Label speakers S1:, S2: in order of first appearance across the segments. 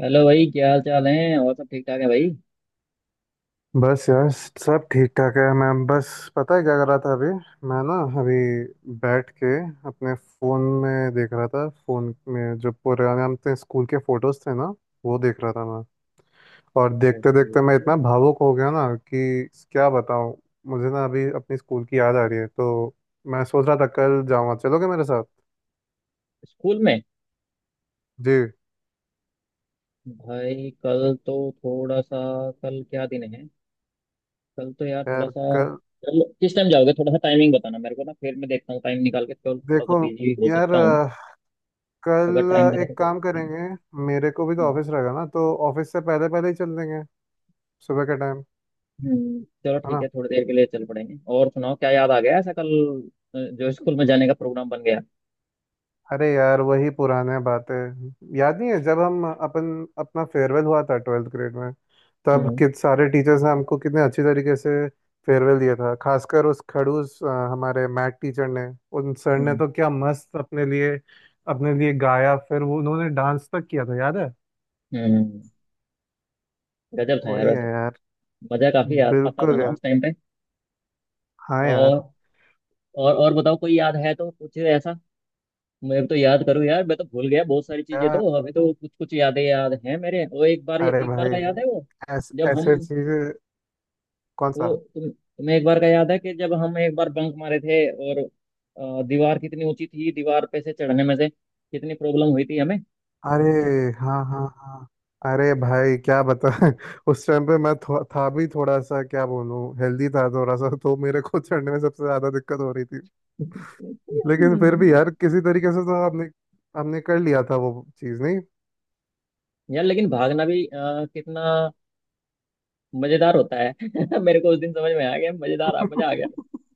S1: Hello भाई, क्या हाल चाल है? और सब ठीक ठाक है भाई?
S2: बस यार। सब ठीक ठाक है। मैं बस, पता है क्या कर रहा था अभी? मैं ना अभी बैठ के अपने फ़ोन में देख रहा था। फ़ोन में जो पुराने हम थे स्कूल के फ़ोटोज़ थे ना, वो देख रहा था मैं। और देखते
S1: ओके।
S2: देखते मैं इतना भावुक हो गया ना कि क्या बताऊँ। मुझे ना अभी अपनी स्कूल की याद आ रही है, तो मैं सोच रहा था कल जाऊँगा। चलोगे मेरे साथ?
S1: स्कूल में?
S2: जी।
S1: भाई, कल तो थोड़ा सा... कल क्या दिन है? कल तो यार थोड़ा
S2: यार
S1: सा...
S2: कल।
S1: चलो, किस टाइम जाओगे? थोड़ा सा टाइमिंग बताना मेरे को ना, फिर मैं देखता हूँ टाइम निकाल के। कल थोड़ा सा
S2: देखो
S1: बिजी हो
S2: यार
S1: सकता हूँ। अगर टाइम
S2: कल
S1: लगा तो
S2: एक
S1: चल
S2: काम
S1: सकते हैं।
S2: करेंगे। मेरे को भी तो
S1: हम्म।
S2: ऑफिस रहेगा ना, तो ऑफिस से पहले पहले ही चल देंगे, सुबह के टाइम।
S1: चलो
S2: है
S1: ठीक
S2: ना?
S1: है, थोड़ी देर के लिए चल पड़ेंगे। और सुनाओ, क्या याद आ गया ऐसा कल जो स्कूल में जाने का प्रोग्राम बन गया?
S2: अरे यार वही पुराने बातें याद नहीं है? जब हम अपन अपना फेयरवेल हुआ था ट्वेल्थ ग्रेड में, तब
S1: हम्म।
S2: कित सारे टीचर्स ने हमको कितने अच्छी तरीके से फेयरवेल दिया था, खासकर उस खड़ूस हमारे मैथ टीचर ने। उन सर ने
S1: हम्म।
S2: तो क्या मस्त अपने लिए गाया, फिर वो उन्होंने डांस तक किया था, याद है?
S1: हम्म। गजब था यार
S2: वही है
S1: वैसे।
S2: यार।
S1: मजा काफी आता था
S2: बिल्कुल
S1: ना
S2: यार।
S1: उस टाइम पे।
S2: हाँ यार।
S1: और और बताओ, कोई याद है तो कुछ ऐसा? मैं तो याद करूँ यार, मैं तो भूल गया बहुत सारी चीजें,
S2: यार
S1: तो अभी तो कुछ कुछ यादें याद हैं मेरे। वो एक बार
S2: अरे
S1: एक बार
S2: भाई
S1: का याद है वो?
S2: ऐस,
S1: जब
S2: ऐसे
S1: हम
S2: चीजें। कौन सा?
S1: वो तुम्हें एक बार का याद है कि जब हम एक बार बंक मारे थे? और दीवार कितनी ऊंची थी, दीवार पे से चढ़ने में से कितनी प्रॉब्लम हुई थी हमें।
S2: अरे हाँ हाँ हाँ। अरे भाई क्या बता। उस टाइम पे मैं था भी थोड़ा सा, क्या बोलूँ, हेल्दी था थोड़ा सा, तो मेरे को चढ़ने में सबसे ज्यादा दिक्कत हो रही थी। लेकिन फिर भी
S1: हम्म।
S2: यार किसी तरीके से तो आपने हमने कर लिया था वो चीज़ नहीं।
S1: यार, लेकिन भागना भी कितना मजेदार होता है। मेरे को उस दिन समझ में आ गया, मजेदार आ मजा आ गया।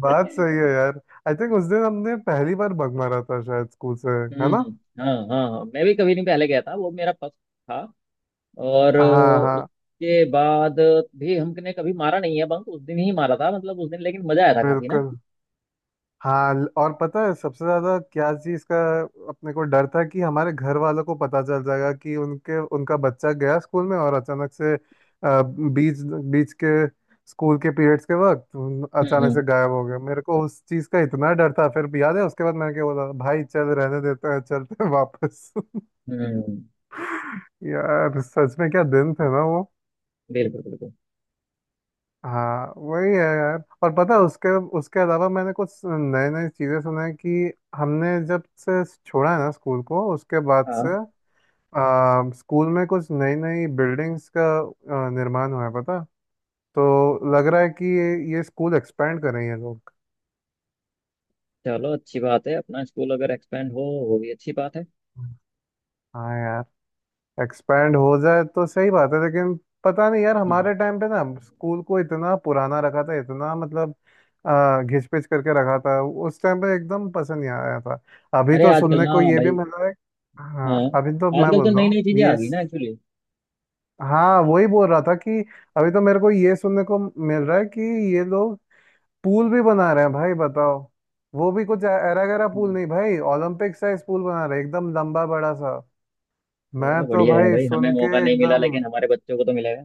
S2: बात सही है यार। आई थिंक उस दिन हमने पहली बार बग मारा था शायद स्कूल से। है
S1: हम्म।
S2: ना?
S1: हाँ हाँ हाँ, मैं भी कभी नहीं पहले गया था, वो मेरा फर्स्ट था। और
S2: हाँ हाँ।
S1: उसके बाद भी हमने कभी मारा नहीं है बंक। उस दिन ही मारा था, मतलब उस दिन, लेकिन मजा आया था काफी ना।
S2: बिल्कुल। और पता है सबसे ज्यादा क्या चीज का अपने को डर था? कि हमारे घर वालों को पता चल जाएगा कि उनके उनका बच्चा गया स्कूल में और अचानक से बीच बीच के स्कूल के पीरियड्स के वक्त अचानक
S1: हम्म।
S2: से गायब हो गया। मेरे को उस चीज का इतना डर था। फिर भी याद है उसके बाद मैंने क्या बोला? भाई चल रहने देते हैं, चलते हैं वापस।
S1: हम्म। हम्म।
S2: यार सच में क्या दिन थे ना।
S1: बिल्कुल बिल्कुल।
S2: हाँ वही है यार। और पता है, उसके उसके अलावा मैंने कुछ नए नए चीज़ें सुना है कि हमने जब से छोड़ा है ना स्कूल को उसके बाद
S1: हाँ।
S2: से स्कूल में कुछ नई नई बिल्डिंग्स का निर्माण हुआ है पता। तो लग रहा है कि ये स्कूल एक्सपेंड कर रहे हैं ये लोग।
S1: चलो, अच्छी बात है, अपना स्कूल अगर एक्सपेंड हो वो भी अच्छी बात है।
S2: हाँ यार। एक्सपैंड हो जाए तो सही बात है, लेकिन पता नहीं यार
S1: हम्म।
S2: हमारे टाइम पे ना स्कूल को इतना पुराना रखा था, इतना, मतलब घिच पिच करके रखा था। उस टाइम पे एकदम पसंद नहीं आया था। अभी
S1: अरे,
S2: तो
S1: आजकल
S2: सुनने
S1: ना
S2: को ये भी
S1: भाई।
S2: मिला है।
S1: हाँ।
S2: हाँ अभी तो मैं
S1: आजकल तो
S2: बोल रहा
S1: नई
S2: हूँ
S1: नई चीजें आ
S2: ये।
S1: गई ना एक्चुअली।
S2: हाँ वही बोल रहा था कि अभी तो मेरे को ये सुनने को मिल रहा है कि ये लोग पूल भी बना रहे हैं भाई बताओ। वो भी कुछ ऐरा गैरा पूल नहीं भाई, ओलंपिक साइज पूल बना रहे हैं, एकदम लंबा बड़ा सा। मैं
S1: चलो,
S2: तो
S1: बढ़िया है
S2: भाई
S1: भाई, हमें
S2: सुन के
S1: मौका नहीं मिला
S2: एकदम,
S1: लेकिन हमारे बच्चों को तो मिलेगा।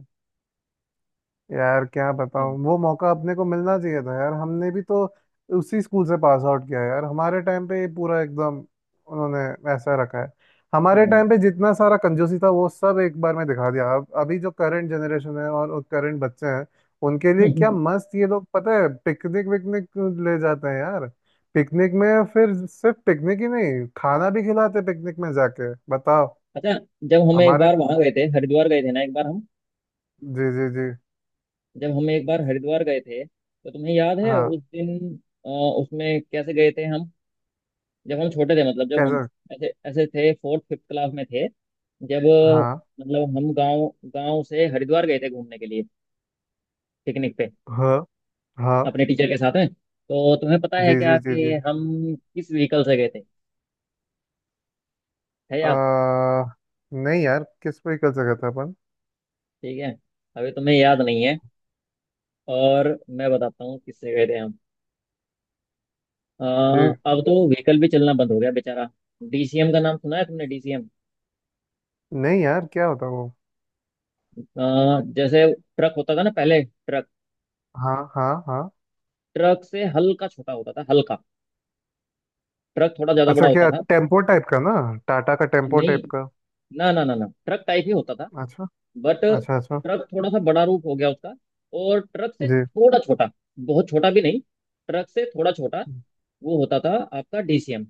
S2: यार क्या बताऊं। वो मौका अपने को मिलना चाहिए था यार। हमने भी तो उसी स्कूल से पास आउट किया यार। हमारे टाइम पे ये पूरा एकदम, उन्होंने ऐसा रखा है। हमारे
S1: हम्म।
S2: टाइम पे जितना सारा कंजूसी था वो सब एक बार में दिखा दिया। अब अभी जो करंट जनरेशन है और करंट बच्चे हैं उनके लिए क्या मस्त ये लोग, पता है पिकनिक विकनिक ले जाते हैं यार। पिकनिक में, फिर सिर्फ पिकनिक ही नहीं, खाना भी खिलाते पिकनिक में जाके बताओ।
S1: अच्छा। जब हम एक
S2: हमारे।
S1: बार वहां गए थे, हरिद्वार गए थे ना, एक बार हम
S2: जी जी जी।
S1: जब हम एक बार हरिद्वार गए थे तो तुम्हें याद है
S2: हाँ।
S1: उस दिन उसमें कैसे गए थे हम? जब हम छोटे थे, मतलब जब हम
S2: कैसे?
S1: ऐसे ऐसे थे, फोर्थ फिफ्थ क्लास में थे। जब
S2: हाँ
S1: मतलब हम गांव गांव से हरिद्वार गए थे घूमने के लिए, पिकनिक पे,
S2: हाँ हाँ।
S1: अपने टीचर के साथ में। तो तुम्हें पता
S2: जी
S1: है क्या
S2: जी जी
S1: कि
S2: जी।
S1: हम किस व्हीकल से गए थे? है याद?
S2: आ, नहीं यार किस पे कर सका था अपन।
S1: ठीक है, अभी तुम्हें याद नहीं है। और मैं बताता हूँ किससे गए थे हम।
S2: जी।
S1: अब तो व्हीकल भी चलना बंद हो गया बेचारा। डीसीएम का नाम सुना है तुमने? डीसीएम
S2: नहीं यार क्या होता वो?
S1: अ, जैसे ट्रक होता था ना पहले, ट्रक।
S2: हाँ हाँ हाँ।
S1: ट्रक से हल्का छोटा होता था, हल्का। ट्रक थोड़ा ज्यादा
S2: अच्छा
S1: बड़ा होता
S2: क्या
S1: था।
S2: टेम्पो टाइप का ना, टाटा का टेम्पो
S1: नहीं,
S2: टाइप का।
S1: ना ना ना ना, ट्रक टाइप ही होता था।
S2: अच्छा
S1: बट
S2: अच्छा। अच्छा।
S1: ट्रक थोड़ा सा बड़ा रूप हो गया उसका, और ट्रक से
S2: जी।
S1: थोड़ा छोटा, बहुत छोटा भी नहीं, ट्रक से थोड़ा छोटा, वो होता था आपका डीसीएम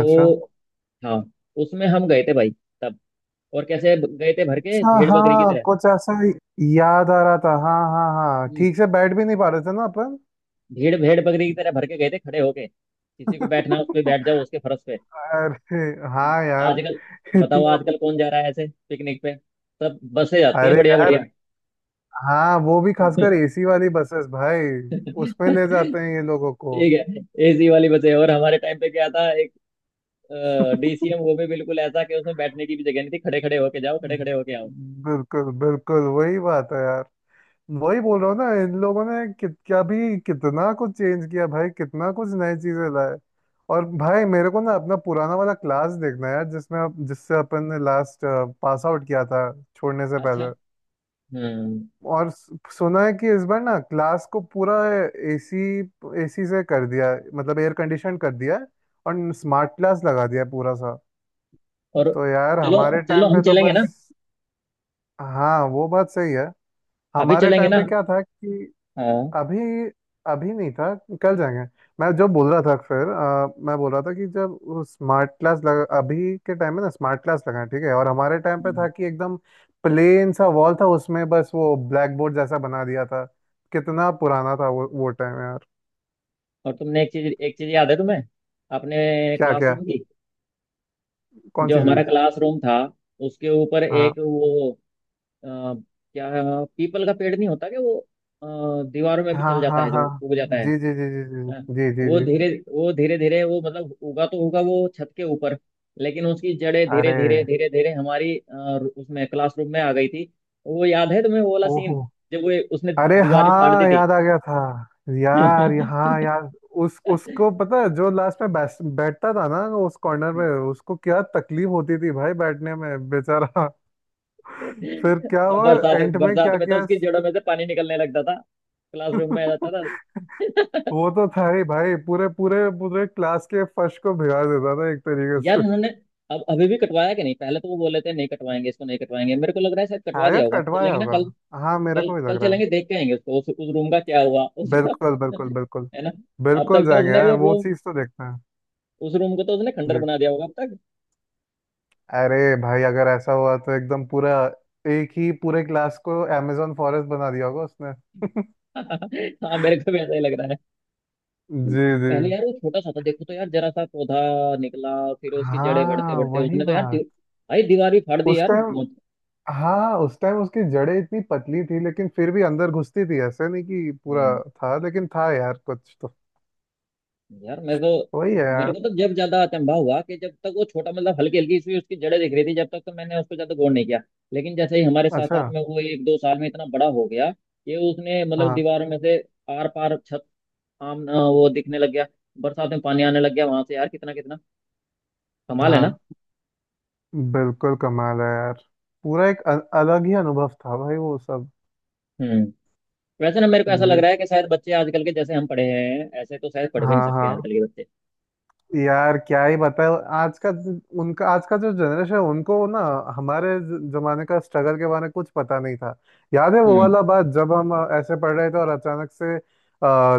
S2: अच्छा
S1: हाँ। उसमें हम गए थे भाई तब। और कैसे गए थे, भर के
S2: अच्छा।
S1: भेड़ बकरी की
S2: हाँ
S1: तरह।
S2: कुछ ऐसा ही याद आ रहा था। हाँ हाँ हाँ।
S1: हम्म,
S2: ठीक से बैठ भी नहीं पा रहे थे ना अपन।
S1: भेड़ भेड़ बकरी की तरह भर के गए थे, खड़े होके। किसी को बैठना है, उस पे बैठ जाओ, उसके फर्श पे।
S2: अरे हाँ यार।
S1: आजकल बताओ,
S2: इतना।
S1: आजकल कौन जा रहा है ऐसे पिकनिक पे? सब बसें जाती हैं,
S2: अरे
S1: बढ़िया
S2: यार।
S1: बढ़िया।
S2: हाँ वो भी खासकर एसी वाली बसेस भाई। उसमें ले जाते हैं ये लोगों को।
S1: ठीक है, एसी वाली बसें। और हमारे टाइम पे क्या था? एक डीसीएम, वो भी बिल्कुल ऐसा कि उसमें बैठने की भी जगह नहीं थी। खड़े खड़े होके जाओ, खड़े खड़े होके आओ।
S2: बिल्कुल बिल्कुल वही बात है यार। वही बोल रहा हूँ ना, इन लोगों ने कित क्या भी कितना कुछ चेंज किया भाई, कितना कुछ नई चीजें लाए। और भाई मेरे को ना अपना पुराना वाला क्लास देखना है यार, जिसमें जिससे अपन ने लास्ट पास आउट किया था, छोड़ने से
S1: अच्छा।
S2: पहले।
S1: हम्म।
S2: और सुना है कि इस बार ना क्लास को पूरा एसी एसी से कर दिया है, मतलब एयर कंडीशन कर दिया है। और स्मार्ट क्लास लगा दिया है पूरा सा।
S1: और,
S2: तो यार
S1: चलो
S2: हमारे
S1: चलो
S2: टाइम
S1: हम
S2: पे तो
S1: चलेंगे ना,
S2: बस। हाँ वो बात सही है।
S1: अभी
S2: हमारे
S1: चलेंगे
S2: टाइम
S1: ना।
S2: पे क्या था कि
S1: हाँ।
S2: अभी अभी नहीं था, कल जाएंगे। मैं जो बोल रहा था, फिर मैं बोल रहा था कि जब स्मार्ट क्लास लगा, अभी के टाइम में ना स्मार्ट क्लास लगा है, ठीक है, और हमारे टाइम पे था
S1: हम्म।
S2: कि एकदम प्लेन सा वॉल था उसमें, बस वो ब्लैक बोर्ड जैसा बना दिया था। कितना पुराना था वो टाइम यार।
S1: और तुमने एक चीज, याद है तुम्हें अपने
S2: क्या क्या?
S1: क्लासरूम की?
S2: कौन
S1: जो
S2: सी
S1: हमारा
S2: चीज?
S1: क्लासरूम था, उसके ऊपर
S2: हाँ
S1: एक वो अ, क्या, पीपल का पेड़ नहीं होता क्या, वो अ, दीवारों में भी
S2: हाँ
S1: चल जाता
S2: हाँ
S1: है, जो
S2: हाँ।
S1: उग जाता है?
S2: जी जी जी जी
S1: हाँ,
S2: जी जी जी जी।
S1: वो धीरे धीरे वो मतलब उगा तो होगा वो छत के ऊपर, लेकिन उसकी जड़ें
S2: अरे।
S1: धीरे धीरे धीरे धीरे उसमें क्लासरूम में आ गई थी। वो याद है तुम्हें, वो वाला
S2: ओहो।
S1: सीन, जब वो उसने
S2: अरे
S1: दीवारें फाड़ दी
S2: हाँ
S1: थी?
S2: याद आ गया था। यार हाँ यार। उस उसको पता है जो लास्ट में बैठता था ना उस कॉर्नर में, उसको क्या तकलीफ होती थी भाई बैठने में बेचारा। फिर क्या
S1: अब
S2: हुआ?
S1: बरसात,
S2: एंड में
S1: बरसात
S2: क्या
S1: में तो
S2: किया?
S1: उसकी जड़ों में से पानी निकलने लगता था, क्लासरूम में आ जाता था।
S2: वो तो था ही भाई। पूरे पूरे पूरे क्लास के फर्श को भिगा देता था एक तरीके
S1: यार
S2: से।
S1: उन्होंने... अब अभी भी कटवाया कि नहीं? पहले तो वो बोले थे नहीं कटवाएंगे इसको, नहीं कटवाएंगे। मेरे को लग रहा है शायद कटवा दिया
S2: शायद
S1: होगा,
S2: कटवाया
S1: चलेंगे ना
S2: होगा।
S1: कल?
S2: हाँ मेरे
S1: कल,
S2: को भी
S1: कल
S2: लग रहा है।
S1: चलेंगे, देख के आएंगे उसको, उस रूम का क्या हुआ उसका।
S2: बिल्कुल बिल्कुल बिल्कुल।
S1: है ना? अब
S2: बिल्कुल
S1: तक तो
S2: जाएंगे
S1: उसने
S2: यार,
S1: वो
S2: वो
S1: रूम
S2: चीज़ तो देखते हैं।
S1: उस रूम को तो उसने खंडर बना दिया होगा अब तक।
S2: अरे भाई अगर ऐसा हुआ तो एकदम पूरा एक ही पूरे क्लास को अमेजोन फॉरेस्ट बना दिया होगा उसने।
S1: हाँ, मेरे को भी ऐसा ही लग रहा है।
S2: जी जी।
S1: पहले यार वो छोटा सा था, देखो तो यार, जरा सा पौधा निकला। फिर उसकी जड़ें बढ़ते
S2: हाँ
S1: बढ़ते
S2: वही
S1: उसने तो यार,
S2: बात।
S1: भाई दीवार भी फाड़ दी
S2: उस
S1: यार।
S2: टाइम, हाँ उस टाइम उसकी जड़ें इतनी पतली थी, लेकिन फिर भी अंदर घुसती थी, ऐसे नहीं कि पूरा
S1: मौत।
S2: था, लेकिन था यार कुछ तो।
S1: यार मैं तो
S2: वही है
S1: मेरे
S2: यार।
S1: को तो जब ज्यादा अचंभा हुआ कि जब तक वो छोटा, मतलब हल्की हल्की सी उसकी जड़ें दिख रही थी, जब तक तो मैंने उसको ज्यादा गौर नहीं किया। लेकिन जैसे ही हमारे साथ
S2: अच्छा।
S1: साथ में वो एक दो साल में इतना बड़ा हो गया कि उसने मतलब
S2: हाँ
S1: दीवारों में से आर पार छत वो दिखने लग गया, बरसात में पानी आने लग गया वहां से। यार, कितना कितना कमाल है ना।
S2: हाँ। बिल्कुल कमाल है यार। पूरा एक अलग ही अनुभव था भाई वो सब।
S1: हम्म। वैसे ना, मेरे को ऐसा लग
S2: जी।
S1: रहा है कि शायद बच्चे आजकल के, जैसे हम पढ़े हैं ऐसे तो शायद पढ़ भी नहीं
S2: हाँ
S1: सकते
S2: हाँ।
S1: आजकल के बच्चे।
S2: यार क्या ही बताए। आज का, उनका आज का जो जनरेशन है उनको ना हमारे जमाने का स्ट्रगल के बारे में कुछ पता नहीं था। याद है वो
S1: हम्म।
S2: वाला बात? जब हम ऐसे पढ़ रहे थे और अचानक से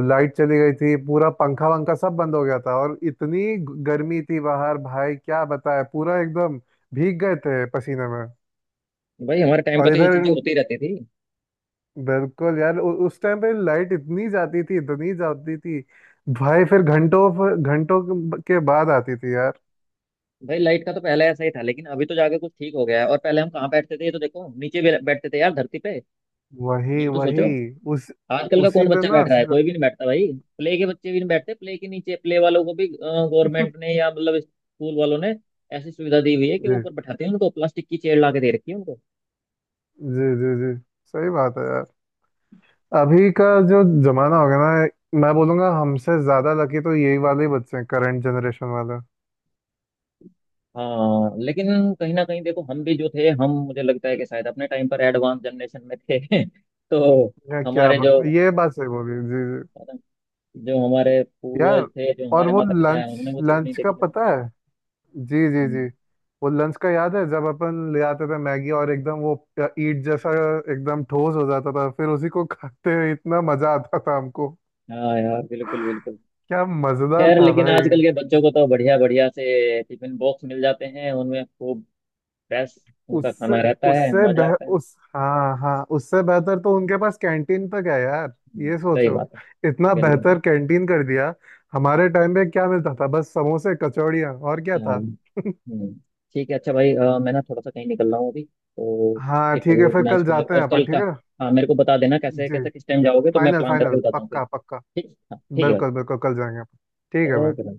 S2: लाइट चली गई थी, पूरा पंखा वंखा सब बंद हो गया था और इतनी गर्मी थी बाहर भाई क्या बताए पूरा एकदम भीग गए थे पसीने में।
S1: भाई, हमारे टाइम पर
S2: और
S1: तो ये
S2: इधर,
S1: चीजें होती रहती थी।
S2: बिल्कुल यार उस टाइम पे लाइट इतनी जाती थी, इतनी जाती थी भाई। फिर घंटों घंटों के बाद आती थी।
S1: भाई, लाइट का तो पहले ऐसा ही था, लेकिन अभी तो जाके कुछ ठीक हो गया है। और पहले हम कहाँ बैठते थे, ये तो देखो, नीचे भी बैठते थे यार, धरती पे। ये
S2: वही
S1: भी तो
S2: वही।
S1: सोचो,
S2: उस
S1: आजकल का
S2: उसी
S1: कौन
S2: पे
S1: बच्चा
S2: ना।
S1: बैठ रहा है? कोई भी नहीं बैठता भाई। प्ले के बच्चे भी नहीं बैठते, प्ले के नीचे। प्ले वालों को भी गवर्नमेंट ने, या मतलब स्कूल वालों ने ऐसी सुविधा दी हुई है कि
S2: जी
S1: ऊपर बैठाते हैं उनको, प्लास्टिक की चेयर ला के दे रखी है उनको।
S2: जी जी जी। सही बात है यार। अभी का जो जमाना हो गया ना, मैं बोलूंगा हमसे ज्यादा लकी तो यही वाले ही बच्चे हैं, करंट जनरेशन वाले।
S1: हाँ, लेकिन कहीं ना कहीं देखो, हम भी जो थे हम मुझे लगता है कि शायद अपने टाइम पर एडवांस जनरेशन में थे, तो
S2: या क्या
S1: हमारे जो
S2: बात, ये बात सही बोली। जी जी।
S1: जो हमारे
S2: यार
S1: पूर्वज थे, जो
S2: और
S1: हमारे
S2: वो
S1: माता पिता है,
S2: लंच
S1: उन्होंने वो चीज नहीं
S2: लंच का
S1: देखी।
S2: पता है। जी जी जी।
S1: हम्म,
S2: वो लंच का याद है जब अपन ले आते थे मैगी और एकदम वो ईट जैसा एकदम ठोस हो जाता था, फिर उसी को खाते हुए इतना मजा आता था हमको।
S1: हाँ यार बिल्कुल बिल्कुल।
S2: क्या मजेदार
S1: खैर,
S2: था
S1: लेकिन
S2: भाई।
S1: आजकल के बच्चों को तो बढ़िया बढ़िया से टिफिन बॉक्स मिल जाते हैं, उनमें खूब फ्रेश उनका
S2: उससे
S1: खाना रहता है,
S2: उससे
S1: मजा
S2: बेह
S1: आता है।
S2: उस हाँ हाँ, उससे बेहतर तो उनके पास कैंटीन तक है यार। ये
S1: सही
S2: सोचो,
S1: बात है।
S2: इतना
S1: बिल्कुल
S2: बेहतर
S1: बिल्कुल।
S2: कैंटीन कर दिया। हमारे टाइम में क्या मिलता था? बस समोसे कचौड़ियाँ। और क्या
S1: चलो।
S2: था?
S1: हम्म, ठीक है, अच्छा भाई मैं ना थोड़ा सा कहीं निकल रहा हूँ अभी तो।
S2: हाँ
S1: फिर
S2: ठीक
S1: अभी
S2: है फिर
S1: अपना
S2: कल
S1: स्कूल लग
S2: जाते हैं
S1: और कल
S2: अपन। ठीक
S1: का...
S2: है।
S1: हाँ, मेरे को बता देना कैसे
S2: जी।
S1: कैसे, किस टाइम जाओगे, तो मैं
S2: फाइनल
S1: प्लान करके
S2: फाइनल
S1: बताता हूँ फिर।
S2: पक्का पक्का।
S1: ठीक, हाँ ठीक है भाई।
S2: बिल्कुल बिल्कुल कल जाएंगे अपन। ठीक है भाई।
S1: ओके।